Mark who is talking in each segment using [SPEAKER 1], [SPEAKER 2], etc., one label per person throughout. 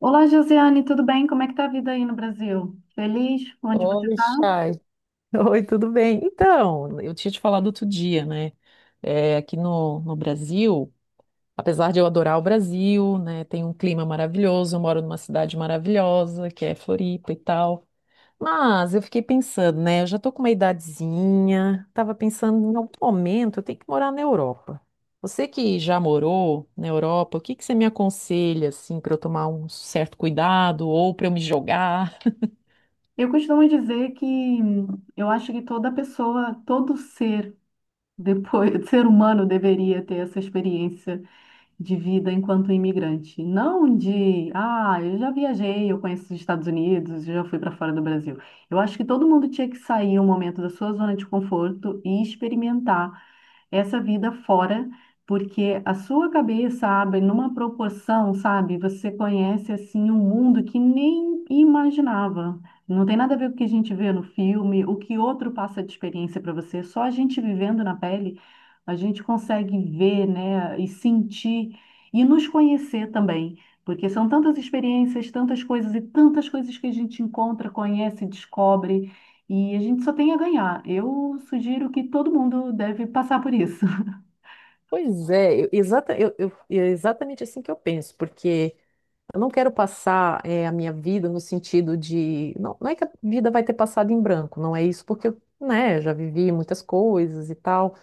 [SPEAKER 1] Olá, Josiane, tudo bem? Como é que tá a vida aí no Brasil? Feliz? Onde você
[SPEAKER 2] Oi,
[SPEAKER 1] está?
[SPEAKER 2] Chay. Oi, tudo bem? Então, eu tinha te falado outro dia, né? É, aqui no Brasil, apesar de eu adorar o Brasil, né? Tem um clima maravilhoso, eu moro numa cidade maravilhosa, que é Floripa e tal. Mas eu fiquei pensando, né? Eu já tô com uma idadezinha, tava pensando em algum momento eu tenho que morar na Europa. Você que já morou na Europa, o que que você me aconselha, assim, para eu tomar um certo cuidado ou para eu me jogar?
[SPEAKER 1] Eu costumo dizer que eu acho que toda pessoa, todo ser, depois, ser humano deveria ter essa experiência de vida enquanto imigrante. Não de, ah, eu já viajei, eu conheço os Estados Unidos, eu já fui para fora do Brasil. Eu acho que todo mundo tinha que sair um momento da sua zona de conforto e experimentar essa vida fora, porque a sua cabeça abre numa proporção, sabe? Você conhece assim um mundo que nem imaginava. Não tem nada a ver com o que a gente vê no filme, o que outro passa de experiência para você, só a gente vivendo na pele a gente consegue ver, né, e sentir e nos conhecer também, porque são tantas experiências, tantas coisas e tantas coisas que a gente encontra, conhece, descobre, e a gente só tem a ganhar. Eu sugiro que todo mundo deve passar por isso.
[SPEAKER 2] Pois é, é exatamente assim que eu penso, porque eu não quero passar a minha vida no sentido de. Não, não é que a vida vai ter passado em branco, não é isso, porque eu, né, já vivi muitas coisas e tal,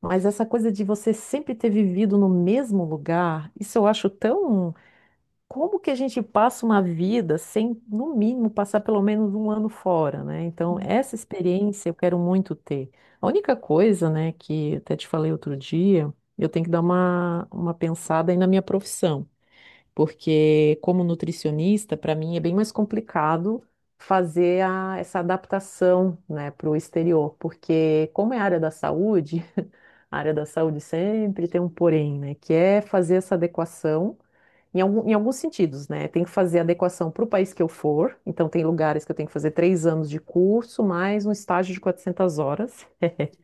[SPEAKER 2] mas essa coisa de você sempre ter vivido no mesmo lugar, isso eu acho tão. Como que a gente passa uma vida sem, no mínimo, passar pelo menos um ano fora, né? Então, essa experiência eu quero muito ter. A única coisa, né, que até te falei outro dia, eu tenho que dar uma pensada aí na minha profissão, porque como nutricionista, para mim é bem mais complicado fazer essa adaptação, né, para o exterior, porque como é área da saúde, a área da saúde sempre tem um porém, né, que é fazer essa adequação em alguns sentidos, né? Tem que fazer adequação para o país que eu for. Então, tem lugares que eu tenho que fazer 3 anos de curso, mais um estágio de 400 horas.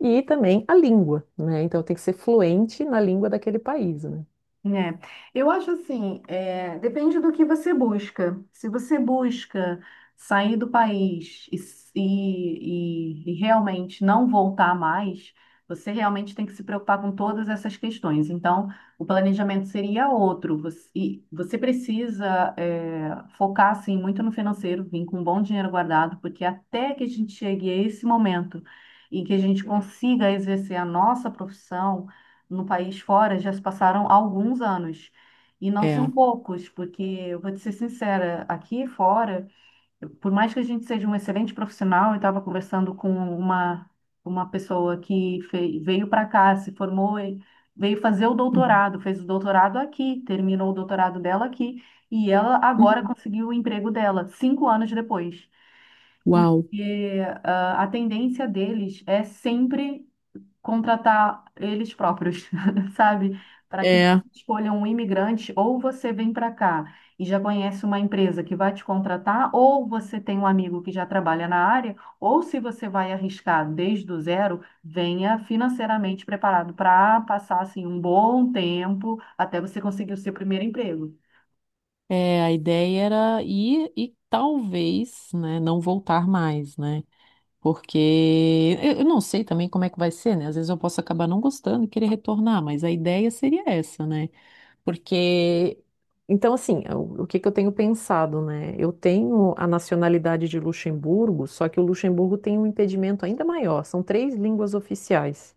[SPEAKER 2] E também a língua, né? Então, eu tenho que ser fluente na língua daquele país, né?
[SPEAKER 1] É, eu acho assim, é, depende do que você busca. Se você busca sair do país e realmente não voltar mais, você realmente tem que se preocupar com todas essas questões. Então, o planejamento seria outro. Você, e você precisa, é, focar assim, muito no financeiro, vir com um bom dinheiro guardado, porque até que a gente chegue a esse momento em que a gente consiga exercer a nossa profissão no país fora já se passaram alguns anos. E não
[SPEAKER 2] É.
[SPEAKER 1] são poucos, porque eu vou te ser sincera, aqui fora, por mais que a gente seja um excelente profissional, eu estava conversando com uma pessoa que veio para cá, se formou, e veio fazer o
[SPEAKER 2] Uhum.
[SPEAKER 1] doutorado, fez o doutorado aqui, terminou o doutorado dela aqui, e ela agora
[SPEAKER 2] Uhum.
[SPEAKER 1] conseguiu o emprego dela, 5 anos depois
[SPEAKER 2] Uau.
[SPEAKER 1] porque ah, a tendência deles é sempre contratar eles próprios, sabe? Para que
[SPEAKER 2] É,
[SPEAKER 1] escolham um imigrante, ou você vem para cá e já conhece uma empresa que vai te contratar, ou você tem um amigo que já trabalha na área, ou se você vai arriscar desde o zero, venha financeiramente preparado para passar assim um bom tempo até você conseguir o seu primeiro emprego.
[SPEAKER 2] a ideia era ir e talvez, né, não voltar mais, né? Porque eu não sei também como é que vai ser, né? Às vezes eu posso acabar não gostando e querer retornar, mas a ideia seria essa, né? Porque, então, assim, é o que que eu tenho pensado, né? Eu tenho a nacionalidade de Luxemburgo, só que o Luxemburgo tem um impedimento ainda maior, são três línguas oficiais.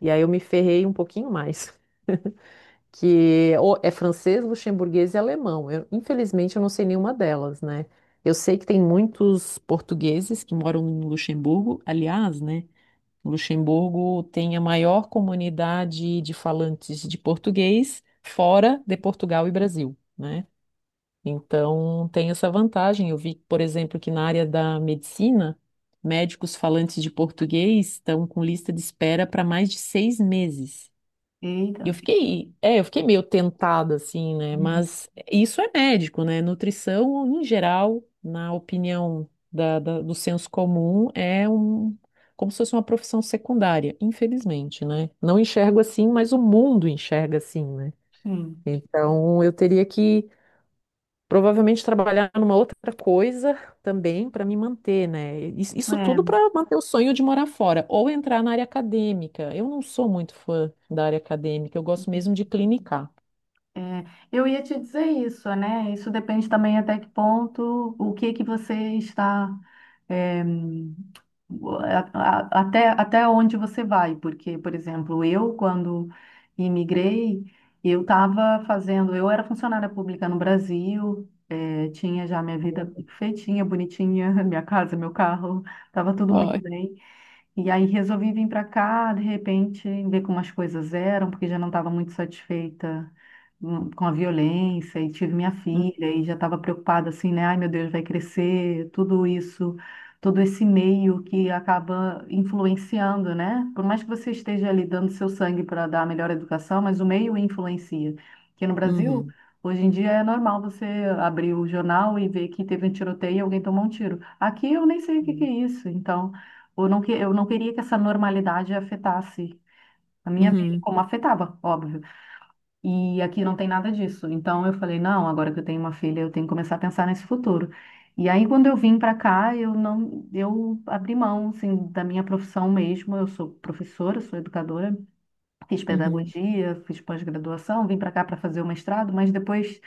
[SPEAKER 2] E aí eu me ferrei um pouquinho mais, que ou é francês, luxemburguês e alemão. Eu, infelizmente, eu não sei nenhuma delas, né? Eu sei que tem muitos portugueses que moram em Luxemburgo, aliás, né? Luxemburgo tem a maior comunidade de falantes de português fora de Portugal e Brasil, né? Então, tem essa vantagem. Eu vi, por exemplo, que na área da medicina, médicos falantes de português estão com lista de espera para mais de 6 meses. E eu
[SPEAKER 1] Eita.
[SPEAKER 2] fiquei, eu fiquei meio tentada, assim, né?
[SPEAKER 1] Uhum.
[SPEAKER 2] Mas isso é médico, né? Nutrição, em geral, na opinião do senso comum, é um, como se fosse uma profissão secundária, infelizmente, né? Não enxergo assim, mas o mundo enxerga assim, né?
[SPEAKER 1] Sim.
[SPEAKER 2] Então, eu teria que provavelmente trabalhar numa outra coisa também para me manter, né? Isso tudo para
[SPEAKER 1] É.
[SPEAKER 2] manter o sonho de morar fora ou entrar na área acadêmica. Eu não sou muito fã da área acadêmica, eu gosto mesmo de clinicar.
[SPEAKER 1] É, eu ia te dizer isso, né? Isso depende também até que ponto, o que que você está, é, até onde você vai, porque, por exemplo, eu, quando imigrei, eu estava fazendo, eu era funcionária pública no Brasil, é, tinha já minha vida feitinha, bonitinha, minha casa, meu carro, estava tudo muito
[SPEAKER 2] Ai.
[SPEAKER 1] bem. E aí resolvi vir para cá, de repente, ver como as coisas eram, porque já não estava muito satisfeita com a violência, e tive minha
[SPEAKER 2] Hum.
[SPEAKER 1] filha, e já estava preocupada assim, né? Ai, meu Deus, vai crescer, tudo isso, todo esse meio que acaba influenciando, né? Por mais que você esteja ali dando seu sangue para dar a melhor educação, mas o meio influencia. Aqui no Brasil,
[SPEAKER 2] Uhum.
[SPEAKER 1] hoje em dia é normal você abrir o jornal e ver que teve um tiroteio e alguém tomou um tiro. Aqui eu nem sei o que que é isso, então. Eu não, eu não queria que essa normalidade afetasse a minha vida,
[SPEAKER 2] Uhum.
[SPEAKER 1] como afetava, óbvio. E aqui não tem nada disso. Então eu falei, não, agora que eu tenho uma filha, eu tenho que começar a pensar nesse futuro. E aí quando eu vim para cá, eu não, eu abri mão, assim, da minha profissão mesmo. Eu sou professora, sou educadora. Fiz
[SPEAKER 2] Uhum.
[SPEAKER 1] pedagogia, fiz pós-graduação, vim para cá para fazer o mestrado, mas depois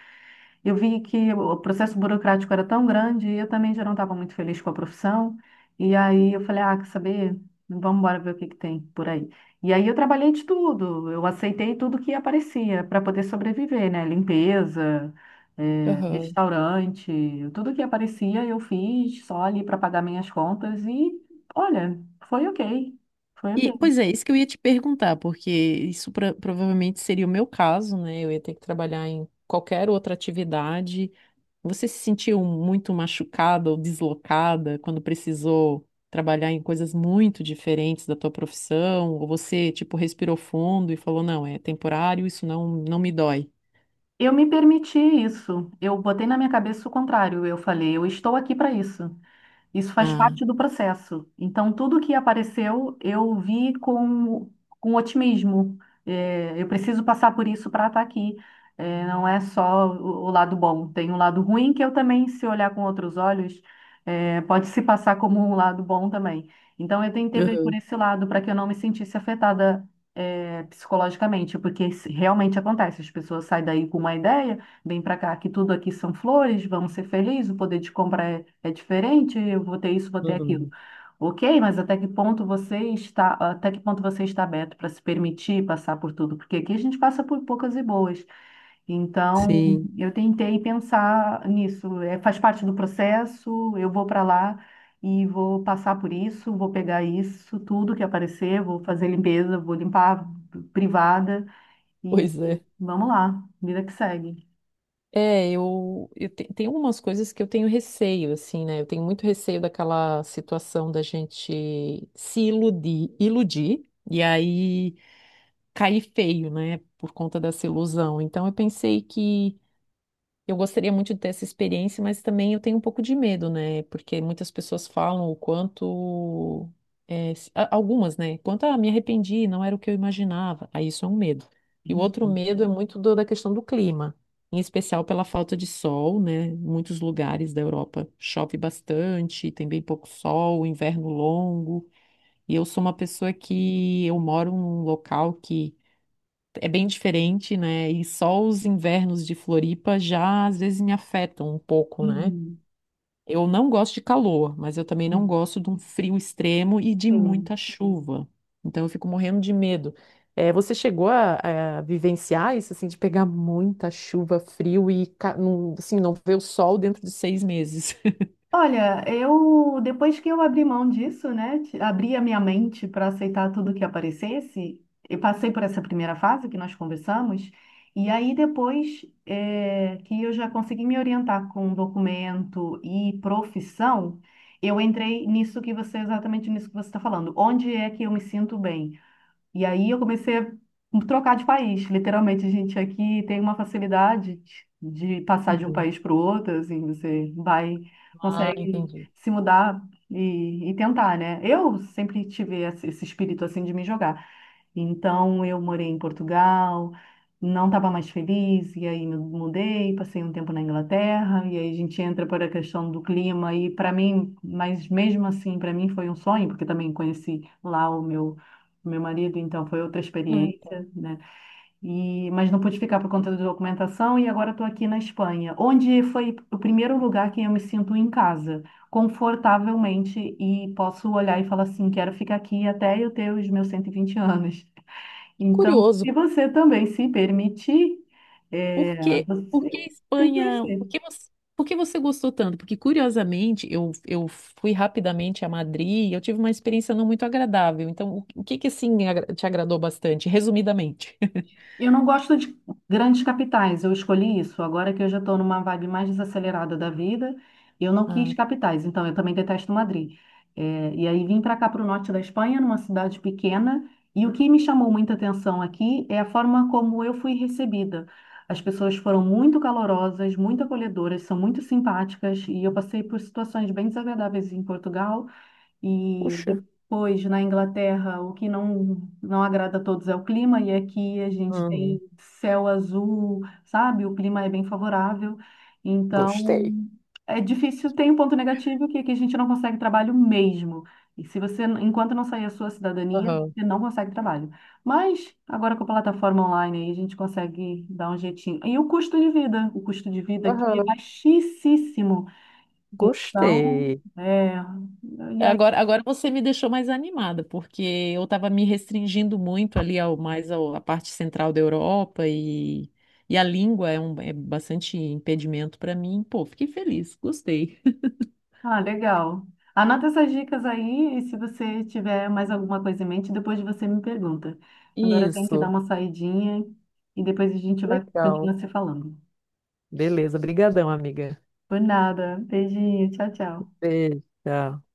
[SPEAKER 1] eu vi que o processo burocrático era tão grande e eu também já não estava muito feliz com a profissão. E aí eu falei, ah, quer saber? Vamos embora ver o que que tem por aí. E aí eu trabalhei de tudo, eu aceitei tudo que aparecia para poder sobreviver, né? Limpeza,
[SPEAKER 2] Aham.
[SPEAKER 1] restaurante, tudo que aparecia eu fiz só ali para pagar minhas contas e, olha, foi ok, foi
[SPEAKER 2] E,
[SPEAKER 1] ok.
[SPEAKER 2] pois é, isso que eu ia te perguntar, porque isso provavelmente seria o meu caso, né? Eu ia ter que trabalhar em qualquer outra atividade. Você se sentiu muito machucada ou deslocada quando precisou trabalhar em coisas muito diferentes da tua profissão? Ou você, tipo, respirou fundo e falou, não, é temporário, isso não, não me dói?
[SPEAKER 1] Eu me permiti isso. Eu botei na minha cabeça o contrário. Eu falei, eu estou aqui para isso. Isso faz
[SPEAKER 2] Ah,
[SPEAKER 1] parte do processo. Então, tudo que apareceu, eu vi com otimismo. É, eu preciso passar por isso para estar aqui. É, não é só o lado bom, tem um lado ruim que eu também, se olhar com outros olhos, é, pode se passar como um lado bom também. Então, eu tentei ver por
[SPEAKER 2] uhum,
[SPEAKER 1] esse lado para que eu não me sentisse afetada, é, psicologicamente, porque isso realmente acontece. As pessoas saem daí com uma ideia. Vem para cá, que tudo aqui são flores, vamos ser felizes, o poder de compra é diferente, eu vou ter isso, vou ter aquilo.
[SPEAKER 2] uhum.
[SPEAKER 1] Ok, mas até que ponto você está, até que ponto você está aberto para se permitir passar por tudo? Porque aqui a gente passa por poucas e boas. Então,
[SPEAKER 2] Sim,
[SPEAKER 1] eu tentei pensar nisso. É, faz parte do processo, eu vou para lá e vou passar por isso, vou pegar isso, tudo que aparecer, vou fazer limpeza, vou limpar privada e
[SPEAKER 2] pois
[SPEAKER 1] e
[SPEAKER 2] é.
[SPEAKER 1] vamos lá, vida que segue.
[SPEAKER 2] É, tem algumas coisas que eu tenho receio, assim, né? Eu tenho muito receio daquela situação da gente se iludir, iludir e aí cair feio, né? Por conta dessa ilusão. Então eu pensei que eu gostaria muito de ter essa experiência, mas também eu tenho um pouco de medo, né? Porque muitas pessoas falam o quanto. É, algumas, né? Quanto, ah, me arrependi, não era o que eu imaginava. Aí isso é um medo. E o outro medo é muito da questão do clima, em especial pela falta de sol, né? Em muitos lugares da Europa chove bastante, tem bem pouco sol, inverno longo. E eu sou uma pessoa que eu moro num local é bem diferente, né? E só os invernos de Floripa já às vezes me afetam um pouco, né?
[SPEAKER 1] Uhum,
[SPEAKER 2] Eu não gosto de calor, mas eu também não
[SPEAKER 1] uhum.
[SPEAKER 2] gosto de um frio extremo e de muita
[SPEAKER 1] Sim.
[SPEAKER 2] chuva. Então eu fico morrendo de medo. Você chegou a vivenciar isso, assim, de pegar muita chuva, frio e, assim, não ver o sol dentro de 6 meses?
[SPEAKER 1] Olha, eu depois que eu abri mão disso, né, abri a minha mente para aceitar tudo que aparecesse, eu passei por essa primeira fase que nós conversamos, e aí depois que eu já consegui me orientar com documento e profissão, eu entrei nisso que você, exatamente nisso que você está falando. Onde é que eu me sinto bem? E aí eu comecei a trocar de país. Literalmente, a gente aqui tem uma facilidade de passar de um
[SPEAKER 2] Uhum.
[SPEAKER 1] país para o outro, assim, você vai,
[SPEAKER 2] Ah,
[SPEAKER 1] consegue
[SPEAKER 2] entendi.
[SPEAKER 1] se mudar e tentar, né? Eu sempre tive esse espírito, assim, de me jogar. Então eu morei em Portugal, não estava mais feliz, e aí me mudei, passei um tempo na Inglaterra, e aí a gente entra para a questão do clima, e para mim, mas mesmo assim, para mim foi um sonho, porque também conheci lá o meu. O meu marido, então, foi outra
[SPEAKER 2] Ah, tá.
[SPEAKER 1] experiência, né? E, mas não pude ficar por conta da documentação e agora estou aqui na Espanha, onde foi o primeiro lugar que eu me sinto em casa, confortavelmente, e posso olhar e falar assim, quero ficar aqui até eu ter os meus 120 anos. Então,
[SPEAKER 2] Curioso.
[SPEAKER 1] se você também se permitir, é,
[SPEAKER 2] Por
[SPEAKER 1] você
[SPEAKER 2] que
[SPEAKER 1] tem que
[SPEAKER 2] Espanha?
[SPEAKER 1] conhecer.
[SPEAKER 2] Por que você gostou tanto? Porque, curiosamente, eu fui rapidamente a Madrid e eu tive uma experiência não muito agradável. Então, o que que, assim, te agradou bastante, resumidamente?
[SPEAKER 1] Eu não gosto de grandes capitais, eu escolhi isso. Agora que eu já estou numa vibe mais desacelerada da vida, eu não quis
[SPEAKER 2] Ah,
[SPEAKER 1] capitais, então eu também detesto Madrid. É, e aí vim para cá, para o norte da Espanha, numa cidade pequena, e o que me chamou muita atenção aqui é a forma como eu fui recebida. As pessoas foram muito calorosas, muito acolhedoras, são muito simpáticas, e eu passei por situações bem desagradáveis em Portugal. E
[SPEAKER 2] puxa.
[SPEAKER 1] depois, na Inglaterra, o que não, não agrada a todos é o clima, e aqui a gente tem
[SPEAKER 2] Hum,
[SPEAKER 1] céu azul, sabe? O clima é bem favorável. Então,
[SPEAKER 2] gostei.
[SPEAKER 1] é difícil, tem um ponto negativo que aqui a gente não consegue trabalho mesmo. E se você, enquanto não sair a sua cidadania,
[SPEAKER 2] Aham.
[SPEAKER 1] você não consegue trabalho. Mas agora com a plataforma online aí, a gente consegue dar um jeitinho. E o custo de vida, o custo de vida aqui é
[SPEAKER 2] Aham,
[SPEAKER 1] baixíssimo. Então,
[SPEAKER 2] gostei.
[SPEAKER 1] é, e aí
[SPEAKER 2] Agora você me deixou mais animada, porque eu estava me restringindo muito ali ao à parte central da Europa e a língua é é bastante impedimento para mim. Pô, fiquei feliz, gostei.
[SPEAKER 1] Ah, legal. Anota essas dicas aí e se você tiver mais alguma coisa em mente, depois você me pergunta. Agora eu tenho que dar
[SPEAKER 2] Isso,
[SPEAKER 1] uma saidinha e depois a gente vai
[SPEAKER 2] legal.
[SPEAKER 1] continuar se falando.
[SPEAKER 2] Beleza, brigadão, amiga.
[SPEAKER 1] Por nada. Beijinho. Tchau, tchau.
[SPEAKER 2] Beijo. Tchau.